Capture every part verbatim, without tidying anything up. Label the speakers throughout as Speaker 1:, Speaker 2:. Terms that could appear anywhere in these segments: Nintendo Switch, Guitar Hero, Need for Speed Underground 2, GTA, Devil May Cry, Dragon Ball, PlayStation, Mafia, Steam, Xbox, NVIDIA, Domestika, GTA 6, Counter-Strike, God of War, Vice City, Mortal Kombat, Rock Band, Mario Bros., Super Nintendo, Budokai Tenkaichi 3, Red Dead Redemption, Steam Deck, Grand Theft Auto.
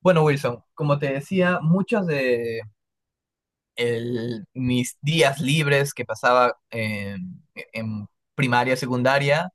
Speaker 1: Bueno, Wilson, como te decía, muchos de el- mis días libres que pasaba en, en primaria, secundaria,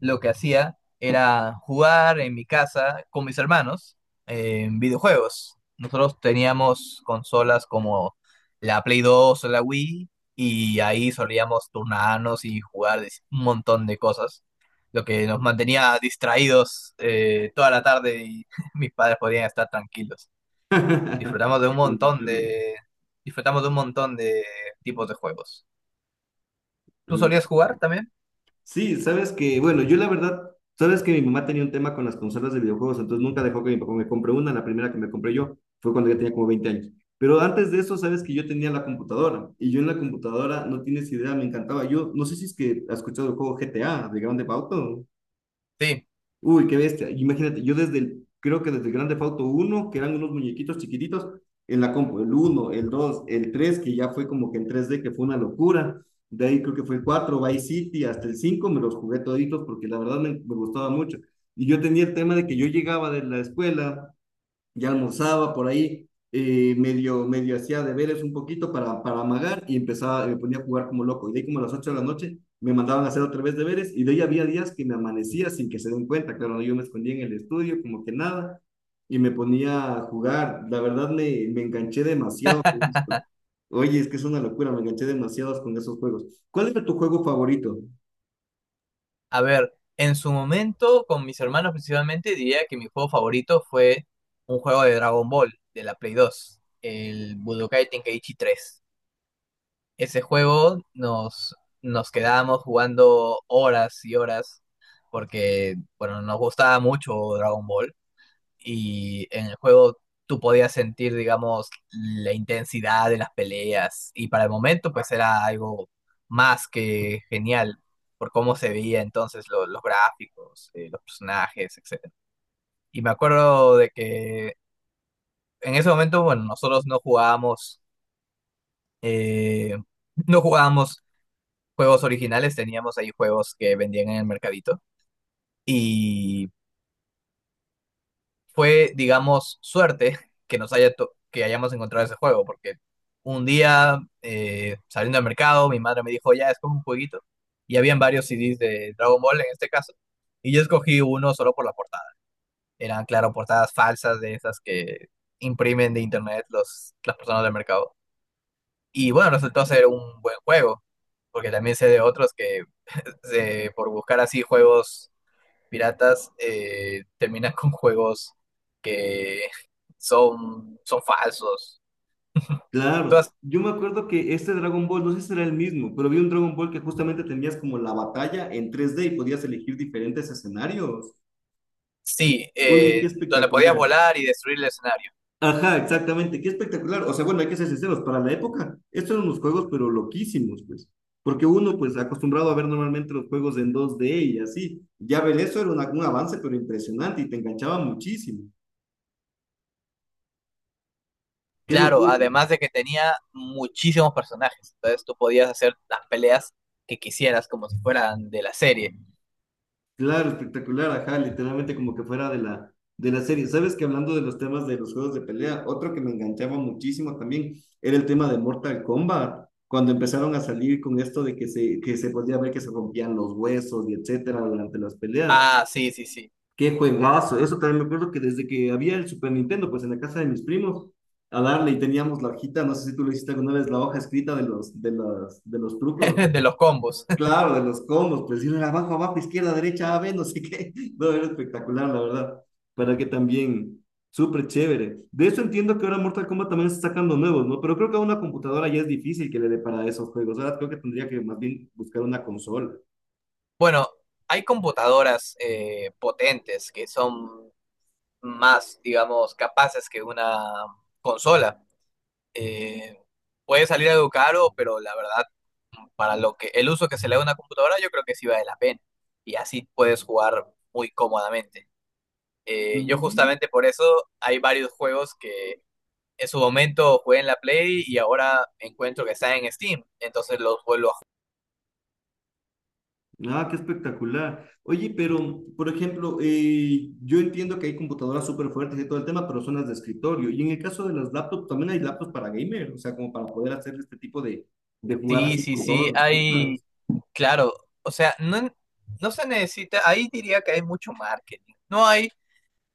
Speaker 1: lo que hacía era jugar en mi casa con mis hermanos en videojuegos. Nosotros teníamos consolas como la Play dos o la Wii y ahí solíamos turnarnos y jugar de- un montón de cosas, lo que nos mantenía distraídos eh, toda la tarde y mis padres podían estar tranquilos. Disfrutamos de un montón de, disfrutamos de un montón de tipos de juegos. ¿Tú
Speaker 2: No.
Speaker 1: solías jugar también?
Speaker 2: Sí, sabes que, bueno, yo la verdad, sabes que mi mamá tenía un tema con las consolas de videojuegos, entonces nunca dejó que mi papá me compre una, la primera que me compré yo fue cuando ya tenía como veinte años. Pero antes de eso, sabes que yo tenía la computadora y yo en la computadora, no tienes idea, me encantaba. Yo no sé si es que has escuchado el juego G T A de Grand Theft Auto.
Speaker 1: Sí.
Speaker 2: Uy, qué bestia. Imagínate, yo desde el, creo que desde el Grand Theft Auto uno, que eran unos muñequitos chiquititos, en la compu, el uno, el dos, el tres que ya fue como que en tres d que fue una locura. De ahí creo que fue el cuatro Vice City, hasta el cinco me los jugué toditos porque la verdad me, me gustaba mucho. Y yo tenía el tema de que yo llegaba de la escuela ya almorzaba por ahí, eh, medio, medio hacía deberes un poquito para, para amagar y empezaba, me ponía a jugar como loco. Y de ahí como a las ocho de la noche me mandaban a hacer otra vez deberes y de ahí había días que me amanecía sin que se den cuenta. Claro, yo me escondía en el estudio como que nada y me ponía a jugar. La verdad me, me enganché demasiado con esto. Oye, es que es una locura, me enganché demasiado con esos juegos. ¿Cuál era tu juego favorito?
Speaker 1: A ver, en su momento, con mis hermanos principalmente, diría que mi juego favorito fue un juego de Dragon Ball, de la Play dos, el Budokai Tenkaichi tres. Ese juego nos, nos quedábamos jugando horas y horas porque, bueno, nos gustaba mucho Dragon Ball. Y en el juego tú podías sentir, digamos, la intensidad de las peleas y para el momento pues era algo más que genial por cómo se veía entonces lo- los gráficos, eh, los personajes, etcétera. Y me acuerdo de que en ese momento, bueno, nosotros no jugábamos, eh, no jugábamos juegos originales, teníamos ahí juegos que vendían en el mercadito y fue, digamos, suerte que nos haya to- que hayamos encontrado ese juego, porque un día eh, saliendo al mercado, mi madre me dijo, ya, es como un jueguito, y habían varios C Ds de Dragon Ball en este caso, y yo escogí uno solo por la portada. Eran, claro, portadas falsas de esas que imprimen de internet los, las personas del mercado. Y bueno, resultó ser un buen juego, porque también sé de otros que se- por buscar así juegos piratas eh, terminan con juegos que son, son falsos.
Speaker 2: Claro,
Speaker 1: Entonces,
Speaker 2: yo me acuerdo que este Dragon Ball, no sé si era el mismo, pero vi un Dragon Ball que justamente tenías como la batalla en tres D y podías elegir diferentes escenarios.
Speaker 1: sí,
Speaker 2: Oye, qué
Speaker 1: eh, donde podías
Speaker 2: espectacular.
Speaker 1: volar y destruir el escenario.
Speaker 2: Ajá, exactamente, qué espectacular. O sea, bueno, hay que ser sinceros, para la época, estos eran unos juegos pero loquísimos, pues. Porque uno, pues, acostumbrado a ver normalmente los juegos en dos D y así, ya ver eso era una- un avance pero impresionante y te enganchaba muchísimo. Qué
Speaker 1: Claro,
Speaker 2: locura.
Speaker 1: además de que tenía muchísimos personajes, entonces tú podías hacer las peleas que quisieras como si fueran de la serie.
Speaker 2: Claro, espectacular, ajá, literalmente como que fuera de la, de la serie. Sabes que hablando de los temas de los juegos de pelea, otro que me enganchaba muchísimo también era el tema de Mortal Kombat, cuando empezaron a salir con esto de que se, que se podía ver que se rompían los huesos y etcétera durante las peleas.
Speaker 1: Ah, sí, sí, sí,
Speaker 2: Qué juegazo, eso también me acuerdo que desde que había el Super Nintendo, pues en la casa de mis primos, a darle y teníamos la hojita, no sé si tú lo hiciste alguna vez, la hoja escrita de los, de las, de los trucos.
Speaker 1: de los combos.
Speaker 2: Claro, de los combos, presión abajo, abajo, izquierda, derecha, A, B, no sé qué. No, era espectacular, la verdad. Para que también, súper chévere. De eso entiendo que ahora Mortal Kombat también está sacando nuevos, ¿no? Pero creo que a una computadora ya es difícil que le dé para esos juegos. Ahora creo que tendría que más bien buscar una consola.
Speaker 1: Bueno, hay computadoras eh, potentes que son más, digamos, capaces que una consola. Eh, Puede salir algo caro, pero la verdad, para lo que el uso que se le da a una computadora, yo creo que sí vale la pena. Y así puedes jugar muy cómodamente. Eh, yo justamente por eso hay varios juegos que en su momento jugué en la Play y ahora encuentro que están en Steam. Entonces los vuelvo a jugar.
Speaker 2: Ah, qué espectacular. Oye, pero, por ejemplo, eh, yo entiendo que hay computadoras súper fuertes y todo el tema, pero son las de escritorio. Y en el caso de las laptops, también hay laptops para gamer, o sea, como para poder hacer este tipo de, de jugar
Speaker 1: Sí,
Speaker 2: así
Speaker 1: sí,
Speaker 2: con todas
Speaker 1: sí,
Speaker 2: las
Speaker 1: hay,
Speaker 2: cosas.
Speaker 1: claro, o sea, no, no se necesita, ahí diría que hay mucho marketing. No hay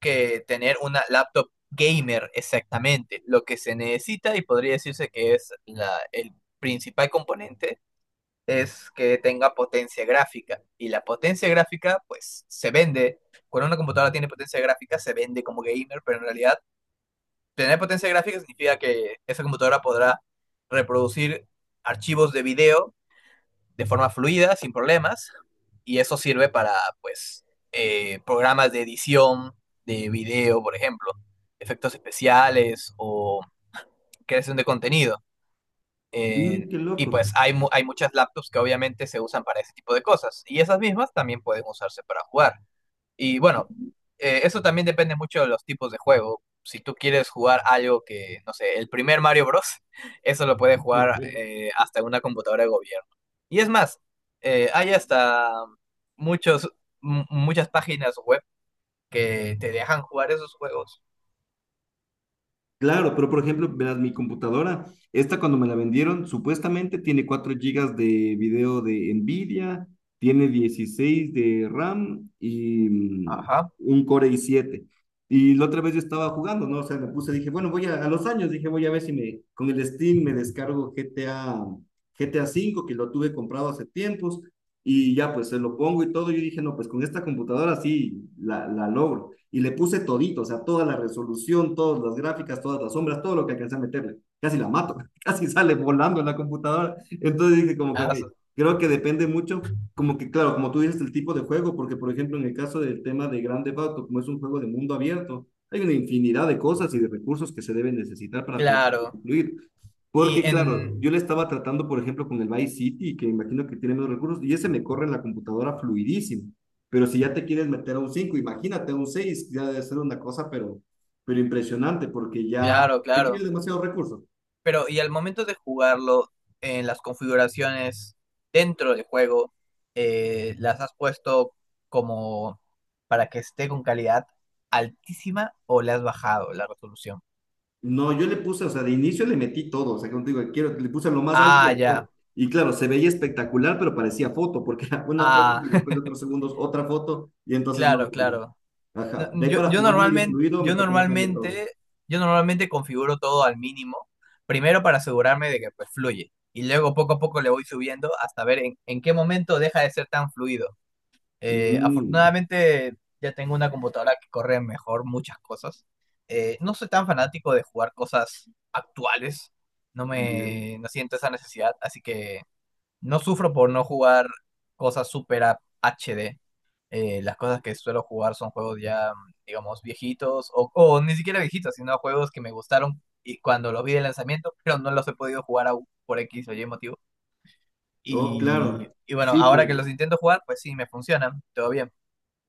Speaker 1: que tener una laptop gamer exactamente. Lo que se necesita y podría decirse que es la, el principal componente es que tenga potencia gráfica. Y la potencia gráfica, pues, se vende. Cuando una computadora tiene potencia gráfica, se vende como gamer, pero en realidad tener potencia gráfica significa que esa computadora podrá reproducir archivos de video de forma fluida, sin problemas, y eso sirve para, pues, eh, programas de edición de video, por ejemplo, efectos especiales o creación de contenido. Eh,
Speaker 2: Mm, qué
Speaker 1: y
Speaker 2: loco.
Speaker 1: pues hay, mu- hay muchas laptops que obviamente se usan para ese tipo de cosas, y esas mismas también pueden usarse para jugar. Y bueno, eh, eso también depende mucho de los tipos de juego. Si tú quieres jugar algo que, no sé, el primer Mario Bros., eso lo puedes jugar eh, hasta en una computadora de gobierno. Y es más, eh, hay hasta muchos, mu- muchas páginas web que te dejan jugar esos juegos.
Speaker 2: Claro, pero por ejemplo, verás, mi computadora, esta cuando me la vendieron, supuestamente tiene cuatro gigas de video de NVIDIA, tiene dieciséis de RAM y mm,
Speaker 1: Ajá.
Speaker 2: un Core i siete. Y la otra vez yo estaba jugando, ¿no? O sea, me puse, dije, bueno, voy a, a los años, dije, voy a ver si me, con el Steam me descargo G T A, G T A cinco, que lo tuve comprado hace tiempos, y ya pues se lo pongo y todo. Yo dije, no, pues con esta computadora sí la, la logro y le puse todito, o sea, toda la resolución, todas las gráficas, todas las sombras, todo lo que alcancé a meterle. Casi la mato, casi sale volando en la computadora. Entonces dije como que, ok,
Speaker 1: Ah,
Speaker 2: creo que depende mucho, como que claro, como tú dices, el tipo de juego, porque por ejemplo en el caso del tema de Grand Theft Auto, como es un juego de mundo abierto, hay una infinidad de cosas y de recursos que se deben necesitar para poder
Speaker 1: claro.
Speaker 2: concluir.
Speaker 1: Y
Speaker 2: Porque, claro,
Speaker 1: en...
Speaker 2: yo le estaba tratando, por ejemplo, con el Vice City, que imagino que tiene menos recursos, y ese me corre en la computadora fluidísimo. Pero si ya te quieres meter a un cinco imagínate un seis ya debe ser una cosa, pero, pero impresionante, porque ya
Speaker 1: Claro,
Speaker 2: requiere
Speaker 1: claro.
Speaker 2: demasiados recursos.
Speaker 1: Pero, y al momento de jugarlo, en las configuraciones dentro del juego, eh, las has puesto como para que esté con calidad altísima o le has bajado la resolución.
Speaker 2: No, yo le puse, o sea, de inicio le metí todo, o sea, como te digo, quiero, le puse lo más alto
Speaker 1: Ah,
Speaker 2: de
Speaker 1: ya.
Speaker 2: todo. Y claro, se veía espectacular, pero parecía foto, porque era una foto
Speaker 1: Ah,
Speaker 2: y después de otros segundos otra foto, y entonces no.
Speaker 1: claro, claro. No,
Speaker 2: Ajá, de ahí
Speaker 1: yo,
Speaker 2: para
Speaker 1: yo
Speaker 2: jugar medio
Speaker 1: normalmente,
Speaker 2: fluido me
Speaker 1: yo
Speaker 2: tocó bajarle todo.
Speaker 1: normalmente, yo normalmente configuro todo al mínimo, primero para asegurarme de que pues, fluye. Y luego poco a poco le voy subiendo hasta ver en, en qué momento deja de ser tan fluido. Eh,
Speaker 2: Mm,
Speaker 1: afortunadamente ya tengo una computadora que corre mejor muchas cosas. Eh, no soy tan fanático de jugar cosas actuales, no
Speaker 2: bien.
Speaker 1: me no siento esa necesidad, así que no sufro por no jugar cosas super a- H D. Eh, las cosas que suelo jugar son juegos ya, digamos, viejitos o, o ni siquiera viejitos, sino juegos que me gustaron y cuando los vi de lanzamiento, pero no los he podido jugar aún por X o Y motivo.
Speaker 2: Oh,
Speaker 1: Y,
Speaker 2: claro.
Speaker 1: y bueno,
Speaker 2: Sí,
Speaker 1: ahora
Speaker 2: pues.
Speaker 1: que los intento jugar, pues sí, me funcionan, todo bien.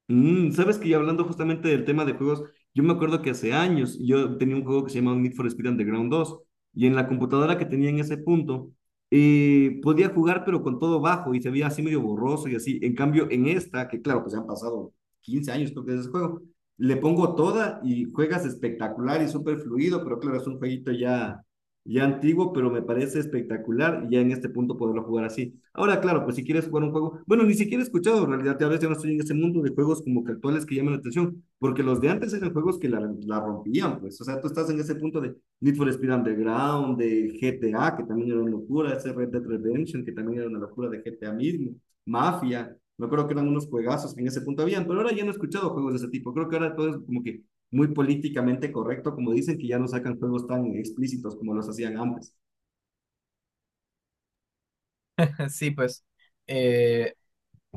Speaker 2: Mm, sabes que ya hablando justamente del tema de juegos, yo me acuerdo que hace años yo tenía un juego que se llamaba Need for Speed Underground dos y en la computadora que tenía en ese punto eh, podía jugar pero con todo bajo y se veía así medio borroso y así. En cambio en esta, que claro, pues ya han pasado quince años creo que es ese juego, le pongo toda y juegas espectacular y súper fluido, pero claro, es un jueguito ya ya antiguo, pero me parece espectacular ya en este punto poderlo jugar así. Ahora, claro, pues si quieres jugar un juego, bueno, ni siquiera he escuchado, en realidad a veces yo no estoy en ese mundo de juegos como que actuales que llaman la atención, porque los de antes eran juegos que la, la rompían, pues, o sea, tú estás en ese punto de Need for Speed Underground, de G T A, que también era una locura, ese Red Dead Redemption, que también era una locura de G T A mismo, Mafia, me acuerdo que eran unos juegazos que en ese punto habían, pero ahora ya no he escuchado juegos de ese tipo. Creo que ahora todo es como que muy políticamente correcto, como dicen, que ya no sacan juegos tan explícitos como los hacían antes.
Speaker 1: Sí, pues eh,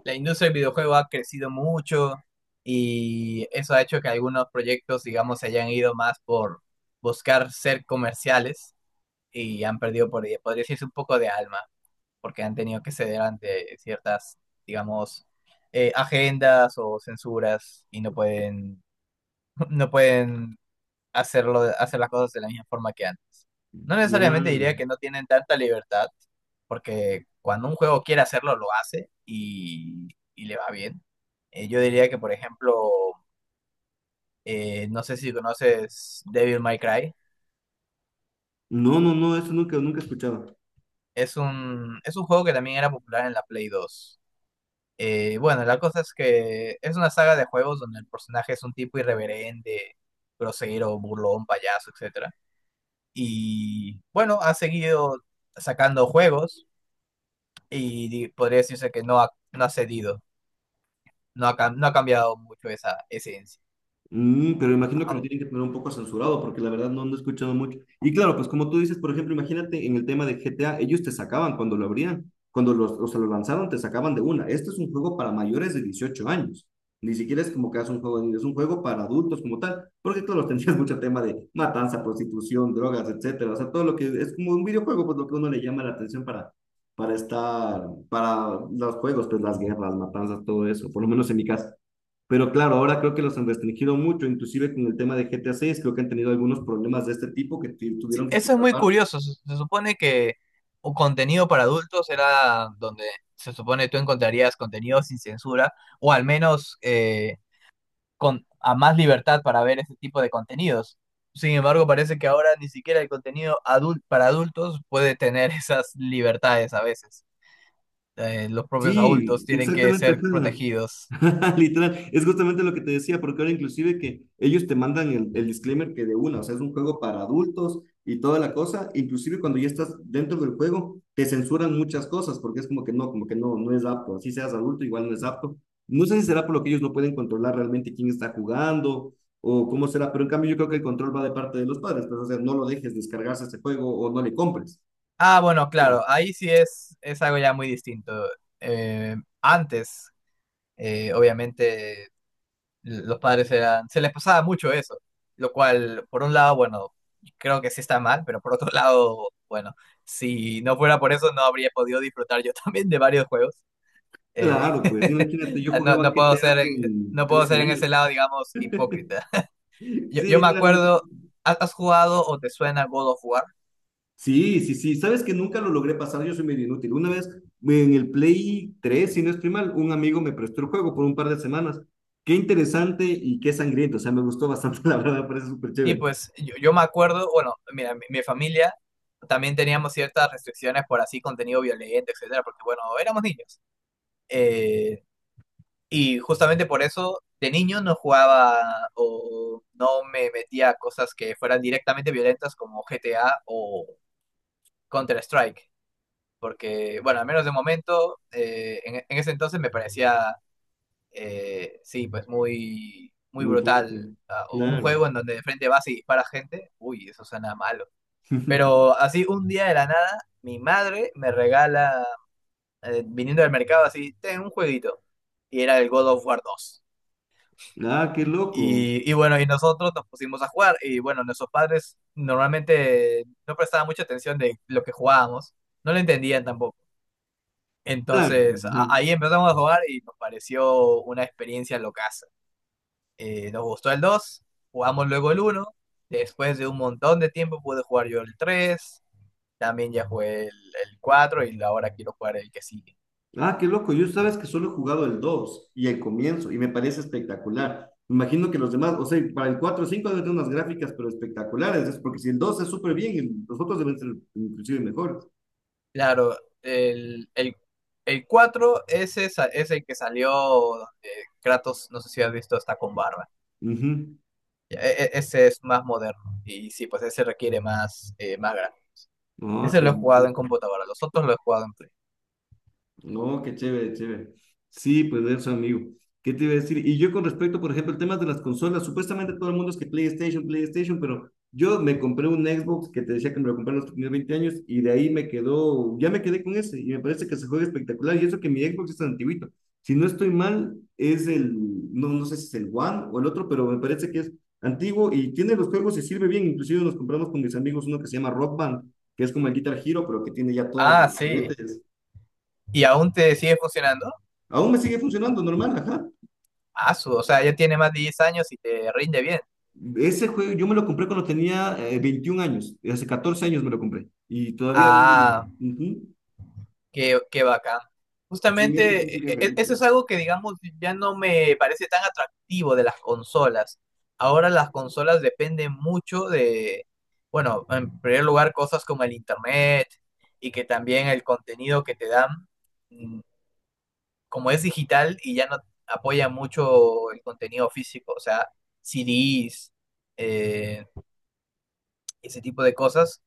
Speaker 1: la industria del videojuego ha crecido mucho y eso ha hecho que algunos proyectos, digamos, se hayan ido más por buscar ser comerciales y han perdido, por, podría decirse, un poco de alma, porque han tenido que ceder ante ciertas, digamos, eh, agendas o censuras y no pueden, no pueden hacerlo, hacer las cosas de la misma forma que antes. No necesariamente
Speaker 2: Claro.
Speaker 1: diría que no tienen tanta libertad, porque cuando un juego quiere hacerlo, lo hace y, y le va bien. Eh, yo diría que, por ejemplo, eh, no sé si conoces Devil May Cry.
Speaker 2: No, no, no, eso nunca, nunca he escuchado.
Speaker 1: Es un, es un juego que también era popular en la Play dos. Eh, bueno, la cosa es que es una saga de juegos donde el personaje es un tipo irreverente, grosero, burlón, payaso, etcétera. Y bueno, ha seguido sacando juegos. y di- podría decirse que no ha, no ha, cedido, no ha, cam- no ha cambiado mucho esa esencia.
Speaker 2: Mm, pero imagino que lo
Speaker 1: Aun-
Speaker 2: tienen que tener un poco censurado, porque la verdad no ando escuchando mucho. Y claro, pues como tú dices, por ejemplo, imagínate en el tema de G T A, ellos te sacaban cuando lo abrían, cuando los, o sea, lo lanzaron, te sacaban de una. Este es un juego para mayores de dieciocho años. Ni siquiera es como que es un juego, de niños, es un juego para adultos como tal, porque claro, tendrías mucho tema de matanza, prostitución, drogas, etcétera. O sea, todo lo que es como un videojuego, pues lo que uno le llama la atención para, para estar, para los juegos, pues las guerras, matanzas, todo eso, por lo menos en mi caso. Pero claro, ahora creo que los han restringido mucho, inclusive con el tema de G T A seis, creo que han tenido algunos problemas de este tipo que tu-
Speaker 1: sí.
Speaker 2: tuvieron que
Speaker 1: Eso es
Speaker 2: quitar
Speaker 1: muy
Speaker 2: parte.
Speaker 1: curioso, se, se supone que un contenido para adultos era donde se supone tú encontrarías contenido sin censura o al menos eh, con, a más libertad para ver ese tipo de contenidos. Sin embargo, parece que ahora ni siquiera el contenido adul- para adultos puede tener esas libertades a veces. Eh, los propios
Speaker 2: Sí,
Speaker 1: adultos tienen que
Speaker 2: exactamente.
Speaker 1: ser
Speaker 2: Ajá.
Speaker 1: protegidos.
Speaker 2: Literal, es justamente lo que te decía, porque ahora inclusive que ellos te mandan el, el disclaimer que de una, o sea, es un juego para adultos y toda la cosa, inclusive cuando ya estás dentro del juego, te censuran muchas cosas, porque es como que no, como que no, no es apto, así seas adulto, igual no es apto. No sé si será por lo que ellos no pueden controlar realmente quién está jugando o cómo será, pero en cambio yo creo que el control va de parte de los padres, pues, o sea, no lo dejes descargarse este juego o no le compres.
Speaker 1: Ah, bueno, claro,
Speaker 2: Sí,
Speaker 1: ahí sí es, es algo ya muy distinto. Eh, antes, eh, obviamente, l- los padres eran, se les pasaba mucho eso, lo cual, por un lado, bueno, creo que sí está mal, pero por otro lado, bueno, si no fuera por eso, no habría podido disfrutar yo también de varios juegos. Eh,
Speaker 2: claro, pues imagínate, yo
Speaker 1: no,
Speaker 2: jugaba
Speaker 1: no puedo
Speaker 2: G T A
Speaker 1: ser en,
Speaker 2: con
Speaker 1: no puedo ser
Speaker 2: trece
Speaker 1: en ese
Speaker 2: años.
Speaker 1: lado, digamos, hipócrita. Yo,
Speaker 2: Sí,
Speaker 1: yo me
Speaker 2: literal, imagínate.
Speaker 1: acuerdo, ¿has has jugado o te suena God of War?
Speaker 2: Sí, sí, sí. Sabes que nunca lo logré pasar, yo soy medio inútil. Una vez en el Play tres, si no estoy mal, un amigo me prestó el juego por un par de semanas. Qué interesante y qué sangriento. O sea, me gustó bastante, la verdad, me parece súper
Speaker 1: Sí,
Speaker 2: chévere.
Speaker 1: pues yo, yo me acuerdo, bueno, mira, mi, mi familia también teníamos ciertas restricciones por así contenido violento, etcétera, porque bueno, éramos niños. Eh, y justamente por eso de niño no jugaba o no me metía a cosas que fueran directamente violentas como G T A o Counter-Strike, porque bueno, al menos de momento, eh, en, en ese entonces me parecía, eh, sí, pues muy, muy
Speaker 2: Muy
Speaker 1: brutal.
Speaker 2: fuerte.
Speaker 1: ah, Un
Speaker 2: Claro.
Speaker 1: juego en donde de frente vas y disparas gente, uy, eso suena mal. Pero así un día de la nada, mi madre me regala, eh, viniendo del mercado, así, ten un jueguito. Y era el God of War dos.
Speaker 2: Ah, qué loco.
Speaker 1: Y, y bueno, y nosotros nos pusimos a jugar. Y bueno, nuestros padres normalmente no prestaban mucha atención de lo que jugábamos. No lo entendían tampoco.
Speaker 2: Claro.
Speaker 1: Entonces a-
Speaker 2: Ajá.
Speaker 1: ahí empezamos a jugar y nos pareció una experiencia locaza. Eh, nos gustó el dos, jugamos luego el uno. Después de un montón de tiempo pude jugar yo el tres. También ya jugué el, el cuatro y ahora quiero jugar el que sigue.
Speaker 2: Ah, qué loco. Yo sabes que solo he jugado el dos y el comienzo y me parece espectacular. Me Imagino que los demás, o sea, para el cuatro o cinco deben tener unas gráficas, pero espectaculares. Es porque si el dos es súper bien, el- los otros deben ser inclusive mejores.
Speaker 1: Claro, el, el, el cuatro ese sa- es el que salió donde Kratos, no sé si has visto, está con barba.
Speaker 2: Ujú.
Speaker 1: Ya, e- e- ese es más moderno y sí, pues ese requiere más, eh, más gráfico.
Speaker 2: No,
Speaker 1: Ese
Speaker 2: qué
Speaker 1: lo he jugado
Speaker 2: lindo.
Speaker 1: en computadora, los otros lo he jugado en Play.
Speaker 2: No, qué chévere, chévere. Sí, pues eso, amigo. ¿Qué te iba a decir? Y yo con respecto, por ejemplo, al tema de las consolas, supuestamente todo el mundo es que PlayStation, PlayStation, pero yo me compré un Xbox que te decía que me lo compré a los primeros veinte años y de ahí me quedó, ya me quedé con ese y me parece que se juega espectacular y eso que mi Xbox es antiguito. Si no estoy mal, es el, no, no sé si es el One o el otro, pero me parece que es antiguo y tiene los juegos y sirve bien. Inclusive nos compramos con mis amigos uno que se llama Rock Band, que es como el Guitar Hero, pero que tiene ya todos los
Speaker 1: Ah, sí.
Speaker 2: juguetes.
Speaker 1: ¿Y aún te sigue funcionando?
Speaker 2: Aún me sigue funcionando normal, ajá.
Speaker 1: Ah, su, o sea, ya tiene más de diez años y te rinde bien.
Speaker 2: Ese juego yo me lo compré cuando tenía eh, veintiún años, hace catorce años me lo compré y todavía viene.
Speaker 1: Ah,
Speaker 2: Ujú.
Speaker 1: Qué, qué bacán.
Speaker 2: Sí, en este punto
Speaker 1: Justamente e-
Speaker 2: ya es
Speaker 1: e- eso
Speaker 2: reliquia.
Speaker 1: es algo que, digamos, ya no me parece tan atractivo de las consolas. Ahora las consolas dependen mucho de, bueno, en primer lugar, cosas como el internet y que también el contenido que te dan, mm, como es digital y ya no apoya mucho el contenido físico, o sea, C Ds, eh, ese tipo de cosas.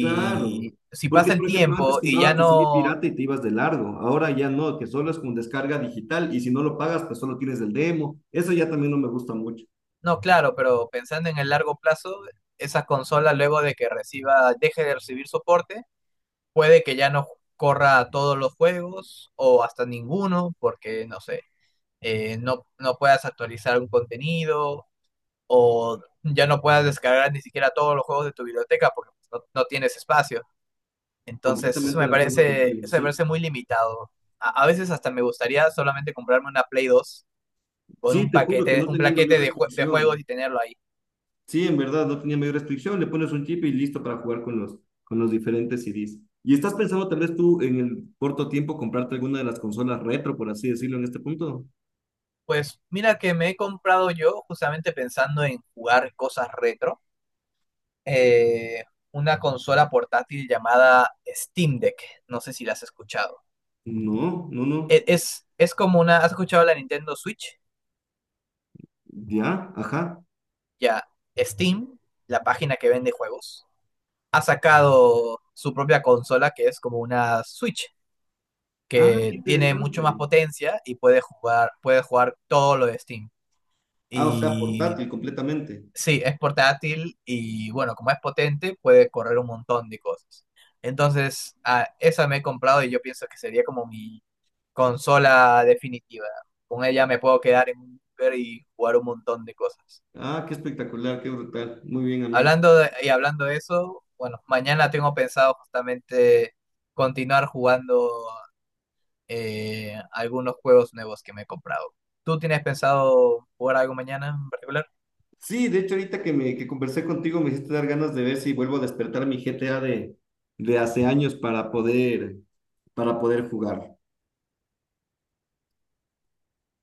Speaker 2: Claro,
Speaker 1: si
Speaker 2: porque
Speaker 1: pasa el
Speaker 2: por ejemplo antes
Speaker 1: tiempo y
Speaker 2: comprabas
Speaker 1: ya
Speaker 2: tu C D
Speaker 1: no.
Speaker 2: pirata y te ibas de largo, ahora ya no, que solo es con descarga digital y si no lo pagas pues solo tienes el demo, eso ya también no me gusta mucho,
Speaker 1: No, claro, pero pensando en el largo plazo, esa consola luego de que reciba, deje de recibir soporte, puede que ya no corra todos los juegos o hasta ninguno, porque no sé, eh, no, no puedas actualizar un contenido o ya no puedas descargar ni siquiera todos los juegos de tu biblioteca porque no, no tienes espacio. Entonces, eso
Speaker 2: completamente
Speaker 1: me
Speaker 2: de acuerdo
Speaker 1: parece,
Speaker 2: contigo,
Speaker 1: eso me
Speaker 2: sí.
Speaker 1: parece muy limitado. A, a veces hasta me gustaría solamente comprarme una Play dos con
Speaker 2: Sí,
Speaker 1: un
Speaker 2: te juro que
Speaker 1: paquete,
Speaker 2: no
Speaker 1: un
Speaker 2: tenía mayor
Speaker 1: plaquete de, jue- de juegos
Speaker 2: restricción.
Speaker 1: y tenerlo ahí.
Speaker 2: Sí, en verdad, no tenía mayor restricción, le pones un chip y listo para jugar con los, con los diferentes C Ds. ¿Y estás pensando tal vez tú en el corto tiempo comprarte alguna de las consolas retro, por así decirlo, en este punto?
Speaker 1: Pues mira que me he comprado yo, justamente pensando en jugar cosas retro, eh, una consola portátil llamada Steam Deck. No sé si la has escuchado.
Speaker 2: No, no, no.
Speaker 1: E- Es, es como una. ¿Has escuchado la Nintendo Switch?
Speaker 2: Ya, ajá.
Speaker 1: Ya, Steam, la página que vende juegos, ha sacado su propia consola que es como una Switch,
Speaker 2: Ah,
Speaker 1: que
Speaker 2: qué
Speaker 1: tiene mucho más
Speaker 2: interesante.
Speaker 1: potencia y puede jugar, puede jugar, todo lo de Steam.
Speaker 2: Ah, o sea,
Speaker 1: Y
Speaker 2: portátil completamente.
Speaker 1: sí, es portátil y bueno, como es potente, puede correr un montón de cosas. Entonces, ah, esa me he comprado y yo pienso que sería como mi consola definitiva. Con ella me puedo quedar en un búnker y jugar un montón de cosas.
Speaker 2: Ah, qué espectacular, qué brutal. Muy bien, amigo.
Speaker 1: Hablando de- y hablando de eso, bueno, mañana tengo pensado justamente continuar jugando eh, algunos juegos nuevos que me he comprado. ¿Tú tienes pensado jugar algo mañana en particular?
Speaker 2: Sí, de hecho, ahorita que me que conversé contigo me hiciste dar ganas de ver si vuelvo a despertar mi G T A de, de hace años para poder, para poder, jugar.